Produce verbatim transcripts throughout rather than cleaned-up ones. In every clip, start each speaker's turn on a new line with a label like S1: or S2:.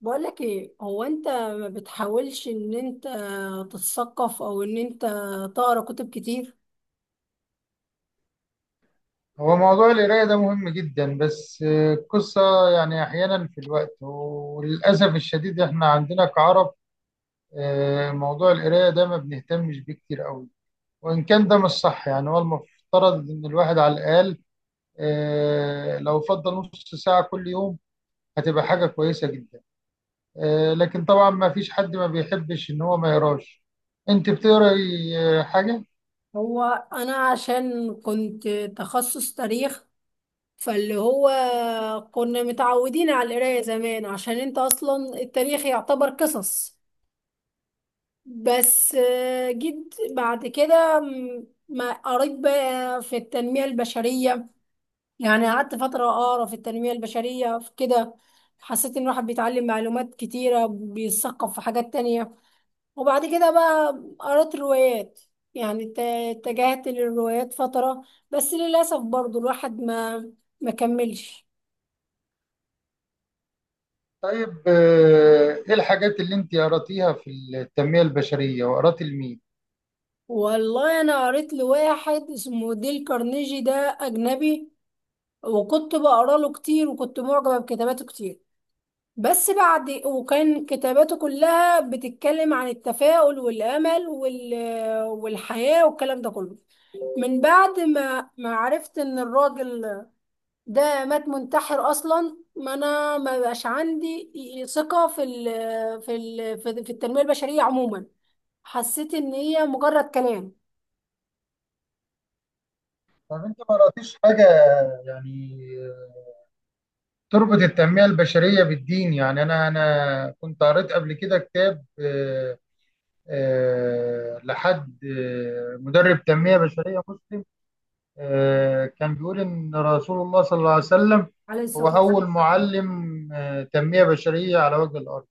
S1: بقولك ايه، هو انت ما بتحاولش ان انت تتثقف او ان انت تقرا كتب كتير؟
S2: هو موضوع القراية ده مهم جدا بس آه، القصة يعني أحيانا في الوقت، وللأسف الشديد إحنا عندنا كعرب آه، موضوع القراية ده ما بنهتمش بيه كتير قوي. وإن كان ده مش صح، يعني هو المفترض إن الواحد على الأقل آه، لو فضل نص ساعة كل يوم هتبقى حاجة كويسة جدا. آه، لكن طبعا ما فيش حد ما بيحبش إن هو ما يقراش. أنت بتقرأي آه، حاجة؟
S1: هو انا عشان كنت تخصص تاريخ، فاللي هو كنا متعودين على القراية زمان، عشان انت اصلا التاريخ يعتبر قصص. بس آه، جيت بعد كده م- ما قريت بقى في التنمية البشرية. يعني قعدت فترة أقرأ في التنمية البشرية في كده، حسيت إن الواحد بيتعلم معلومات كتيرة، بيتثقف في حاجات تانية. وبعد كده بقى قرأت روايات، يعني ات- اتجهت للروايات فترة. بس للأسف برضو الواحد ما ما كملش.
S2: طيب آه، إيه الحاجات اللي أنت قرأتيها في التنمية البشرية وقرأت لمين؟
S1: والله أنا قريت لواحد اسمه ديل كارنيجي، ده أجنبي، وكنت بقرأ له كتير، وكنت معجبة بكتاباته كتير. بس بعد، وكان كتاباته كلها بتتكلم عن التفاؤل والأمل وال... والحياة والكلام ده كله، من بعد ما ما عرفت إن الراجل ده مات منتحر أصلا، ما أنا ما بقاش عندي ثقة في ال... في ال... في في التنمية البشرية عموما. حسيت إن هي مجرد كلام.
S2: طب انت ما قراتيش حاجه يعني تربط التنميه البشريه بالدين؟ يعني انا انا كنت قريت قبل كده كتاب، آه، آه، لحد آه، مدرب تنميه بشريه مسلم، آه، كان بيقول ان رسول الله صلى الله عليه وسلم
S1: عليه
S2: هو
S1: الصلاة والسلام.
S2: اول معلم آه، تنميه بشريه على وجه الارض.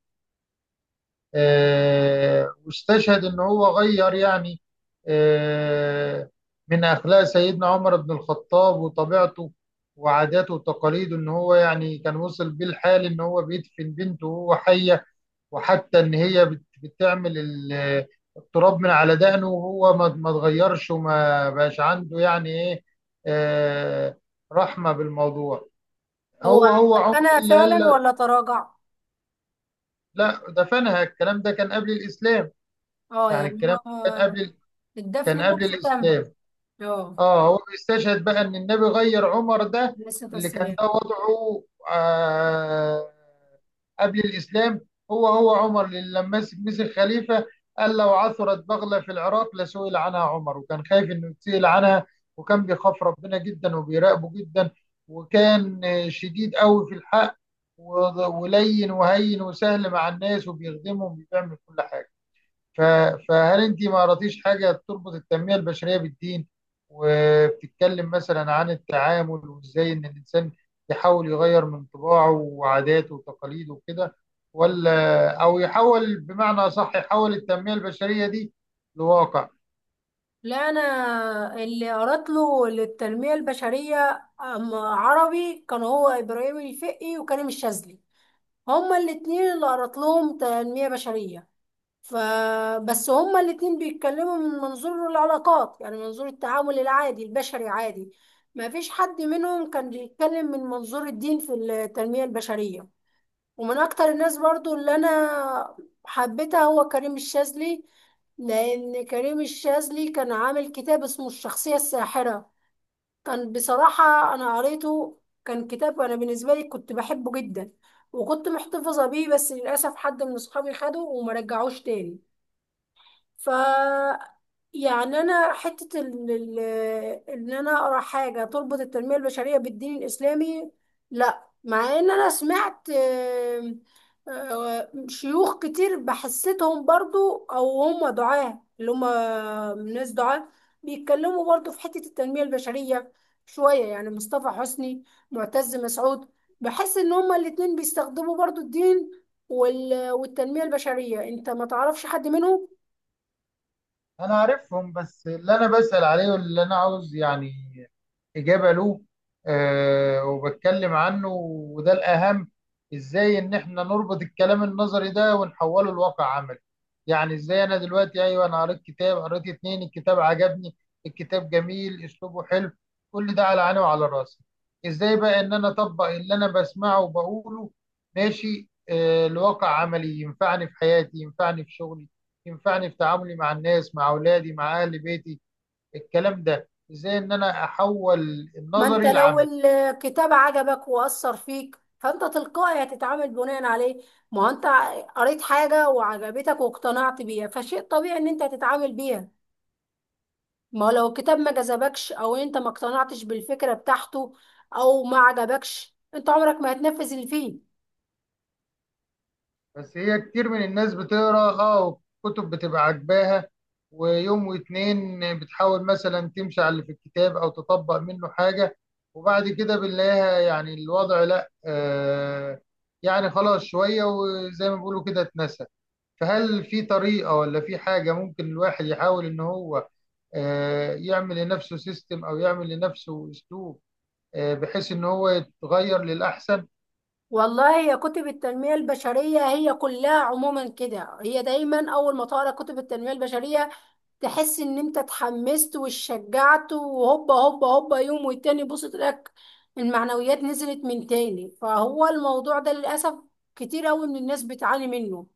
S2: آه، واستشهد ان هو غير، يعني آه، من اخلاق سيدنا عمر بن الخطاب وطبيعته وعاداته وتقاليده، ان هو يعني كان وصل بيه الحال ان هو بيدفن بنته وهو حيه، وحتى ان هي بت- بتعمل ال- التراب من على دقنه وهو ما ما اتغيرش وما بقاش عنده يعني ايه آه، رحمه بالموضوع.
S1: هو
S2: هو هو عمر
S1: أنا
S2: اللي قال
S1: فعلا
S2: لا،
S1: ولا تراجع.
S2: لا، دفنها الكلام ده كان قبل الاسلام.
S1: اه،
S2: يعني
S1: يعني
S2: الكلام
S1: هو
S2: ده كان قبل،
S1: الدفن
S2: كان قبل
S1: نفسه تم.
S2: الاسلام.
S1: اه.
S2: اه هو بيستشهد بقى ان النبي غير عمر ده
S1: عليه الصلاة
S2: اللي كان
S1: والسلام.
S2: ده وضعه آه قبل الاسلام. هو هو عمر اللي لما مسك مسك خليفه قال لو عثرت بغله في العراق لسئل عنها عمر، وكان خايف انه يتسئل عنها، وكان بيخاف ربنا جدا وبيراقبه جدا، وكان آه، شديد قوي في الحق و- ولين وهين وسهل مع الناس وبيخدمهم وبيعمل كل حاجه. ف- فهل انت ما قراتيش حاجه بتربط التنميه البشريه بالدين وبتتكلم مثلا عن التعامل وازاي ان الانسان يحاول يغير من طباعه وعاداته وتقاليده وكده، ولا او يحول بمعنى اصح، يحول التنميه البشريه دي لواقع؟
S1: لا، انا اللي قرأت له للتنميه البشريه أم- عربي، كان هو ابراهيم الفقي وكريم الشاذلي. هما الاتنين اللي قرأت لهم تنميه بشريه. فبس هما الاتنين بيتكلموا من منظور العلاقات، يعني منظور التعامل العادي البشري عادي. ما فيش حد منهم كان بيتكلم من منظور الدين في التنميه البشريه. ومن اكتر الناس برضو اللي انا حبيتها هو كريم الشاذلي، لان كريم الشاذلي كان عامل كتاب اسمه الشخصية الساحرة. كان بصراحة انا قريته، كان كتاب انا بالنسبة لي كنت بحبه جدا، وكنت محتفظة بيه. بس للأسف حد من اصحابي خده وما رجعوش تاني. ف يعني انا حته ال- ال- ان انا اقرا حاجه تربط التنميه البشريه بالدين الاسلامي، لا. مع ان انا سمعت آم، آه، شيوخ كتير بحسيتهم برضو، او هم دعاه، اللي هم ناس دعاه بيتكلموا برضو في حته التنميه البشريه شويه، يعني مصطفى حسني، معتز مسعود. بحس ان هما الاتنين بيستخدموا برضو الدين وال- والتنميه البشريه. انت ما تعرفش حد منهم؟
S2: انا عارفهم، بس اللي انا بسأل عليه واللي انا عاوز يعني اجابة له أه وبتكلم عنه، وده الاهم، ازاي ان احنا نربط الكلام النظري ده ونحوله لواقع عملي. يعني ازاي انا دلوقتي، ايوه انا قريت كتاب، قريت اتنين، الكتاب عجبني، الكتاب جميل، اسلوبه حلو، كل ده على عيني وعلى راسي. ازاي بقى ان انا اطبق اللي انا بسمعه وبقوله ماشي أه لواقع عملي، ينفعني في حياتي، ينفعني في شغلي، ينفعني في تعاملي مع الناس، مع اولادي، مع اهل بيتي. الكلام ده ازاي ان انا احول
S1: ما انت
S2: النظري
S1: لو
S2: لعملي؟
S1: الكتاب عجبك واثر فيك، فانت تلقائي هتتعامل بناء عليه. ما هو انت قريت حاجه وعجبتك واقتنعت بيها، فشيء طبيعي ان انت تتعامل بيها. ما هو لو الكتاب ما جذبكش، او انت ما اقتنعتش بالفكره بتاعته، او ما عجبكش، انت عمرك ما هتنفذ اللي فيه.
S2: بس هي كتير من الناس بتقرا اه كتب بتبقى عاجباها، ويوم واتنين بتحاول مثلا تمشي على اللي في الكتاب او تطبق منه حاجه، وبعد كده بنلاقيها يعني الوضع لا آه، يعني خلاص شويه وزي ما بيقولوا كده اتنسى. فهل في طريقه ولا في حاجه ممكن الواحد يحاول ان هو آه، يعمل لنفسه سيستم او يعمل لنفسه اسلوب آه، بحيث ان هو يتغير للاحسن؟
S1: والله يا كتب التنميه البشريه هي كلها عموما كده، هي دايما اول ما تقرا كتب التنميه البشريه تحس ان انت اتحمست واتشجعت، وهوبا هوبا هوبا، يوم والتاني بص تلاقيك المعنويات نزلت من تاني. فهو الموضوع ده للأسف كتير قوي من الناس بتعاني منه.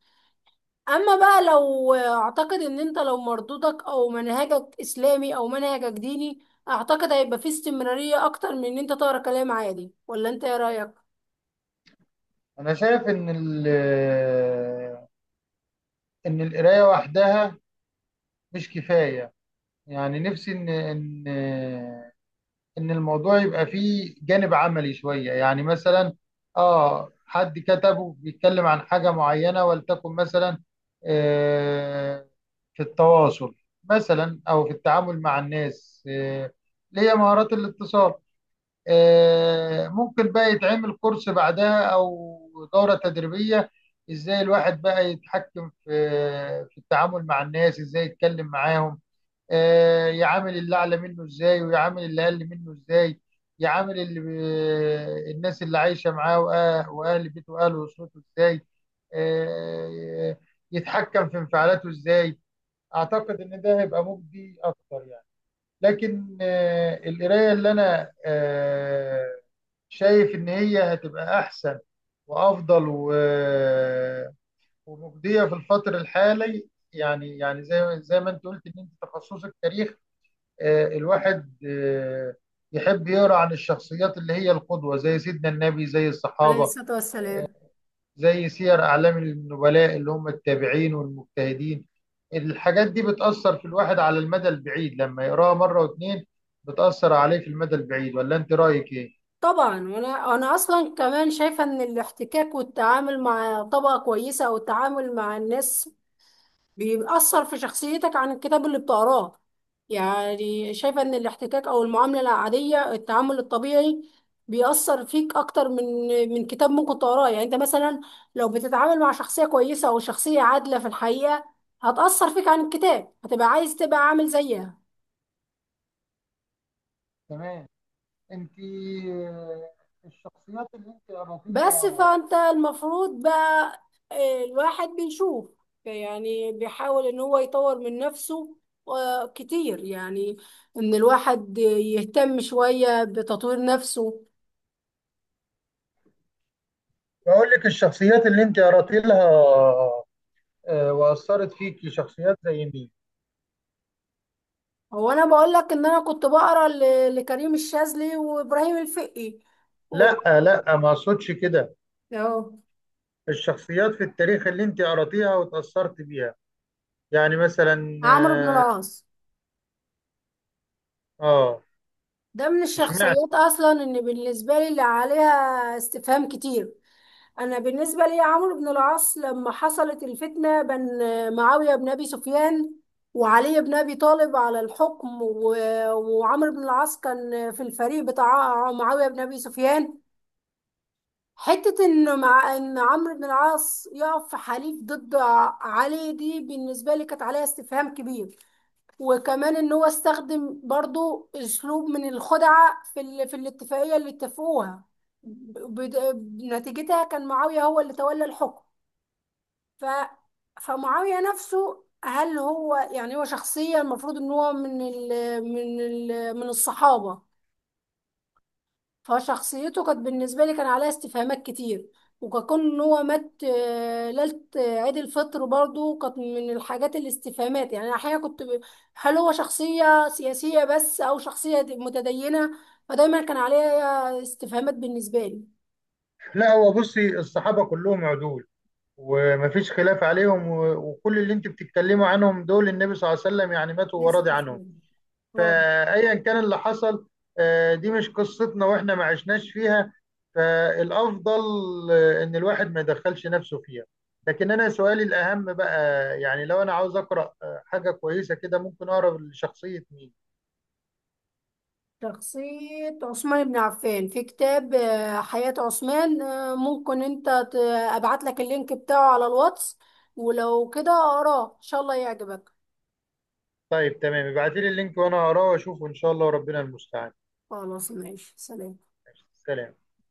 S1: اما بقى لو، اعتقد ان انت لو مردودك او منهجك اسلامي او منهجك ديني، اعتقد هيبقى فيه استمرارية اكتر من ان انت تقرا كلام عادي. ولا انت ايه رأيك؟
S2: انا شايف ان ال- آه، ان القرايه وحدها مش كفايه. يعني نفسي ان ان آه، ان الموضوع يبقى فيه جانب عملي شويه. يعني مثلا اه حد كتبه بيتكلم عن حاجه معينه، ولتكن مثلا آه، في التواصل مثلا او في التعامل مع الناس، آه، اللي هي مهارات الاتصال، آه، ممكن بقى يتعمل كورس بعدها او دورة تدريبية. ازاي الواحد بقى يتحكم في في التعامل مع الناس، ازاي يتكلم معاهم، آه، يعامل اللي اعلى منه ازاي، ويعامل اللي اقل منه ازاي، يعامل اللي ب- الناس اللي عايشة معاه وأه- واهل بيته واهل اسرته ازاي، آه، يتحكم في انفعالاته ازاي. اعتقد ان ده هيبقى مجدي اكتر، يعني لكن آه، القرايه اللي انا آه، شايف ان هي هتبقى احسن وافضل و- آه، ومجديه في الفتر الحالي. يعني يعني زي زي ما انت قلت ان انت تخصصك تاريخ، آه، الواحد آه، يحب يقرا عن الشخصيات اللي هي القدوه، زي سيدنا النبي، زي
S1: عليه
S2: الصحابه،
S1: الصلاة والسلام.
S2: زي سير أعلام النبلاء اللي هم التابعين والمجتهدين. الحاجات دي بتأثر في الواحد على المدى البعيد، لما يقراها مرة واتنين بتأثر عليه في المدى البعيد. ولا أنت رأيك إيه؟
S1: طبعا، وانا انا اصلا كمان شايفه ان الاحتكاك والتعامل مع طبقه كويسه، او التعامل مع الناس، بيأثر في شخصيتك عن الكتاب اللي بتقراه. يعني شايفة ان الاحتكاك او المعاملة العادية، التعامل الطبيعي، بيأثر فيك اكتر من من كتاب ممكن تقراه. يعني انت مثلا لو بتتعامل مع شخصية كويسة او شخصية عادلة في الحقيقة، هتأثر فيك عن الكتاب، هتبقى عايز تبقى عامل زيها.
S2: تمام. انت آه، الشخصيات اللي انت قرأت
S1: بس
S2: لها،
S1: فانت المفروض بقى، آه، الواحد بيشوف، يعني بيحاول ان هو يطور من نفسه آه، كتير، يعني ان الواحد يهتم شوية بتطوير نفسه.
S2: بقول لك الشخصيات اللي انت قرأت لها آه، واثرت فيكي، شخصيات زي مين؟
S1: هو انا بقول لك ان انا كنت بقرا ل- لكريم الشاذلي وابراهيم الفقي و-
S2: لا لا، ما اقصدش كده.
S1: اهو.
S2: الشخصيات في التاريخ اللي انت قرأتيها وتاثرت بيها، يعني مثلا.
S1: عمرو بن العاص
S2: اه آه،
S1: ده من
S2: اشمعنى؟
S1: الشخصيات اصلا ان بالنسبة لي اللي عليها استفهام كتير. انا بالنسبه لي عمرو بن العاص لما حصلت الفتنه بين معاويه بن ابي سفيان وعلي بن ابي طالب على الحكم، و- وعمرو بن العاص كان في الفريق بتاع معاويه بن ابي سفيان. حته ان مع ان عمرو بن العاص يقف في حليف ضد ع- علي، دي بالنسبه لي كانت عليها استفهام كبير. وكمان ان هو استخدم برضو اسلوب من الخدعه في ال- في الاتفاقيه اللي اتفقوها، ب- بد- نتيجتها كان معاويه هو اللي تولى الحكم. ف فمعاوية نفسه، هل هو يعني هو شخصية المفروض ان هو من ال من ال من الصحابة. فشخصيته كانت بالنسبة لي كان عليها استفهامات كتير. وكون ان هو مات آه، ليلة آه، عيد الفطر برضو كانت من الحاجات الاستفهامات، يعني أنا احيانا كنت ب... هل هو شخصية سياسية بس او شخصية متدينة؟ فدايما كان عليها استفهامات بالنسبة لي.
S2: لا هو بصي، الصحابة كلهم عدول ومفيش خلاف عليهم، و- وكل اللي انت بتتكلموا عنهم دول النبي صلى الله عليه وسلم يعني ماتوا
S1: ليست
S2: وراضي عنهم.
S1: اسلام. اه.
S2: فأيا كان اللي حصل آه، دي مش قصتنا، واحنا ما عشناش فيها، فالأفضل آه، إن الواحد ما يدخلش نفسه فيها. لكن أنا سؤالي الأهم بقى، يعني لو أنا عاوز أقرأ آه، حاجة كويسة كده، ممكن أقرأ لشخصية مين؟
S1: شخصية عثمان بن عفان في كتاب آه، حياة عثمان، آه، ممكن انت ت- ابعت لك اللينك بتاعه على الواتس، ولو كده اقراه ان شاء الله يعجبك.
S2: طيب تمام، ابعتيلي اللينك وأنا هقراه وأشوفه إن شاء الله، وربنا المستعان.
S1: خلاص ماشي، سلام.
S2: سلام.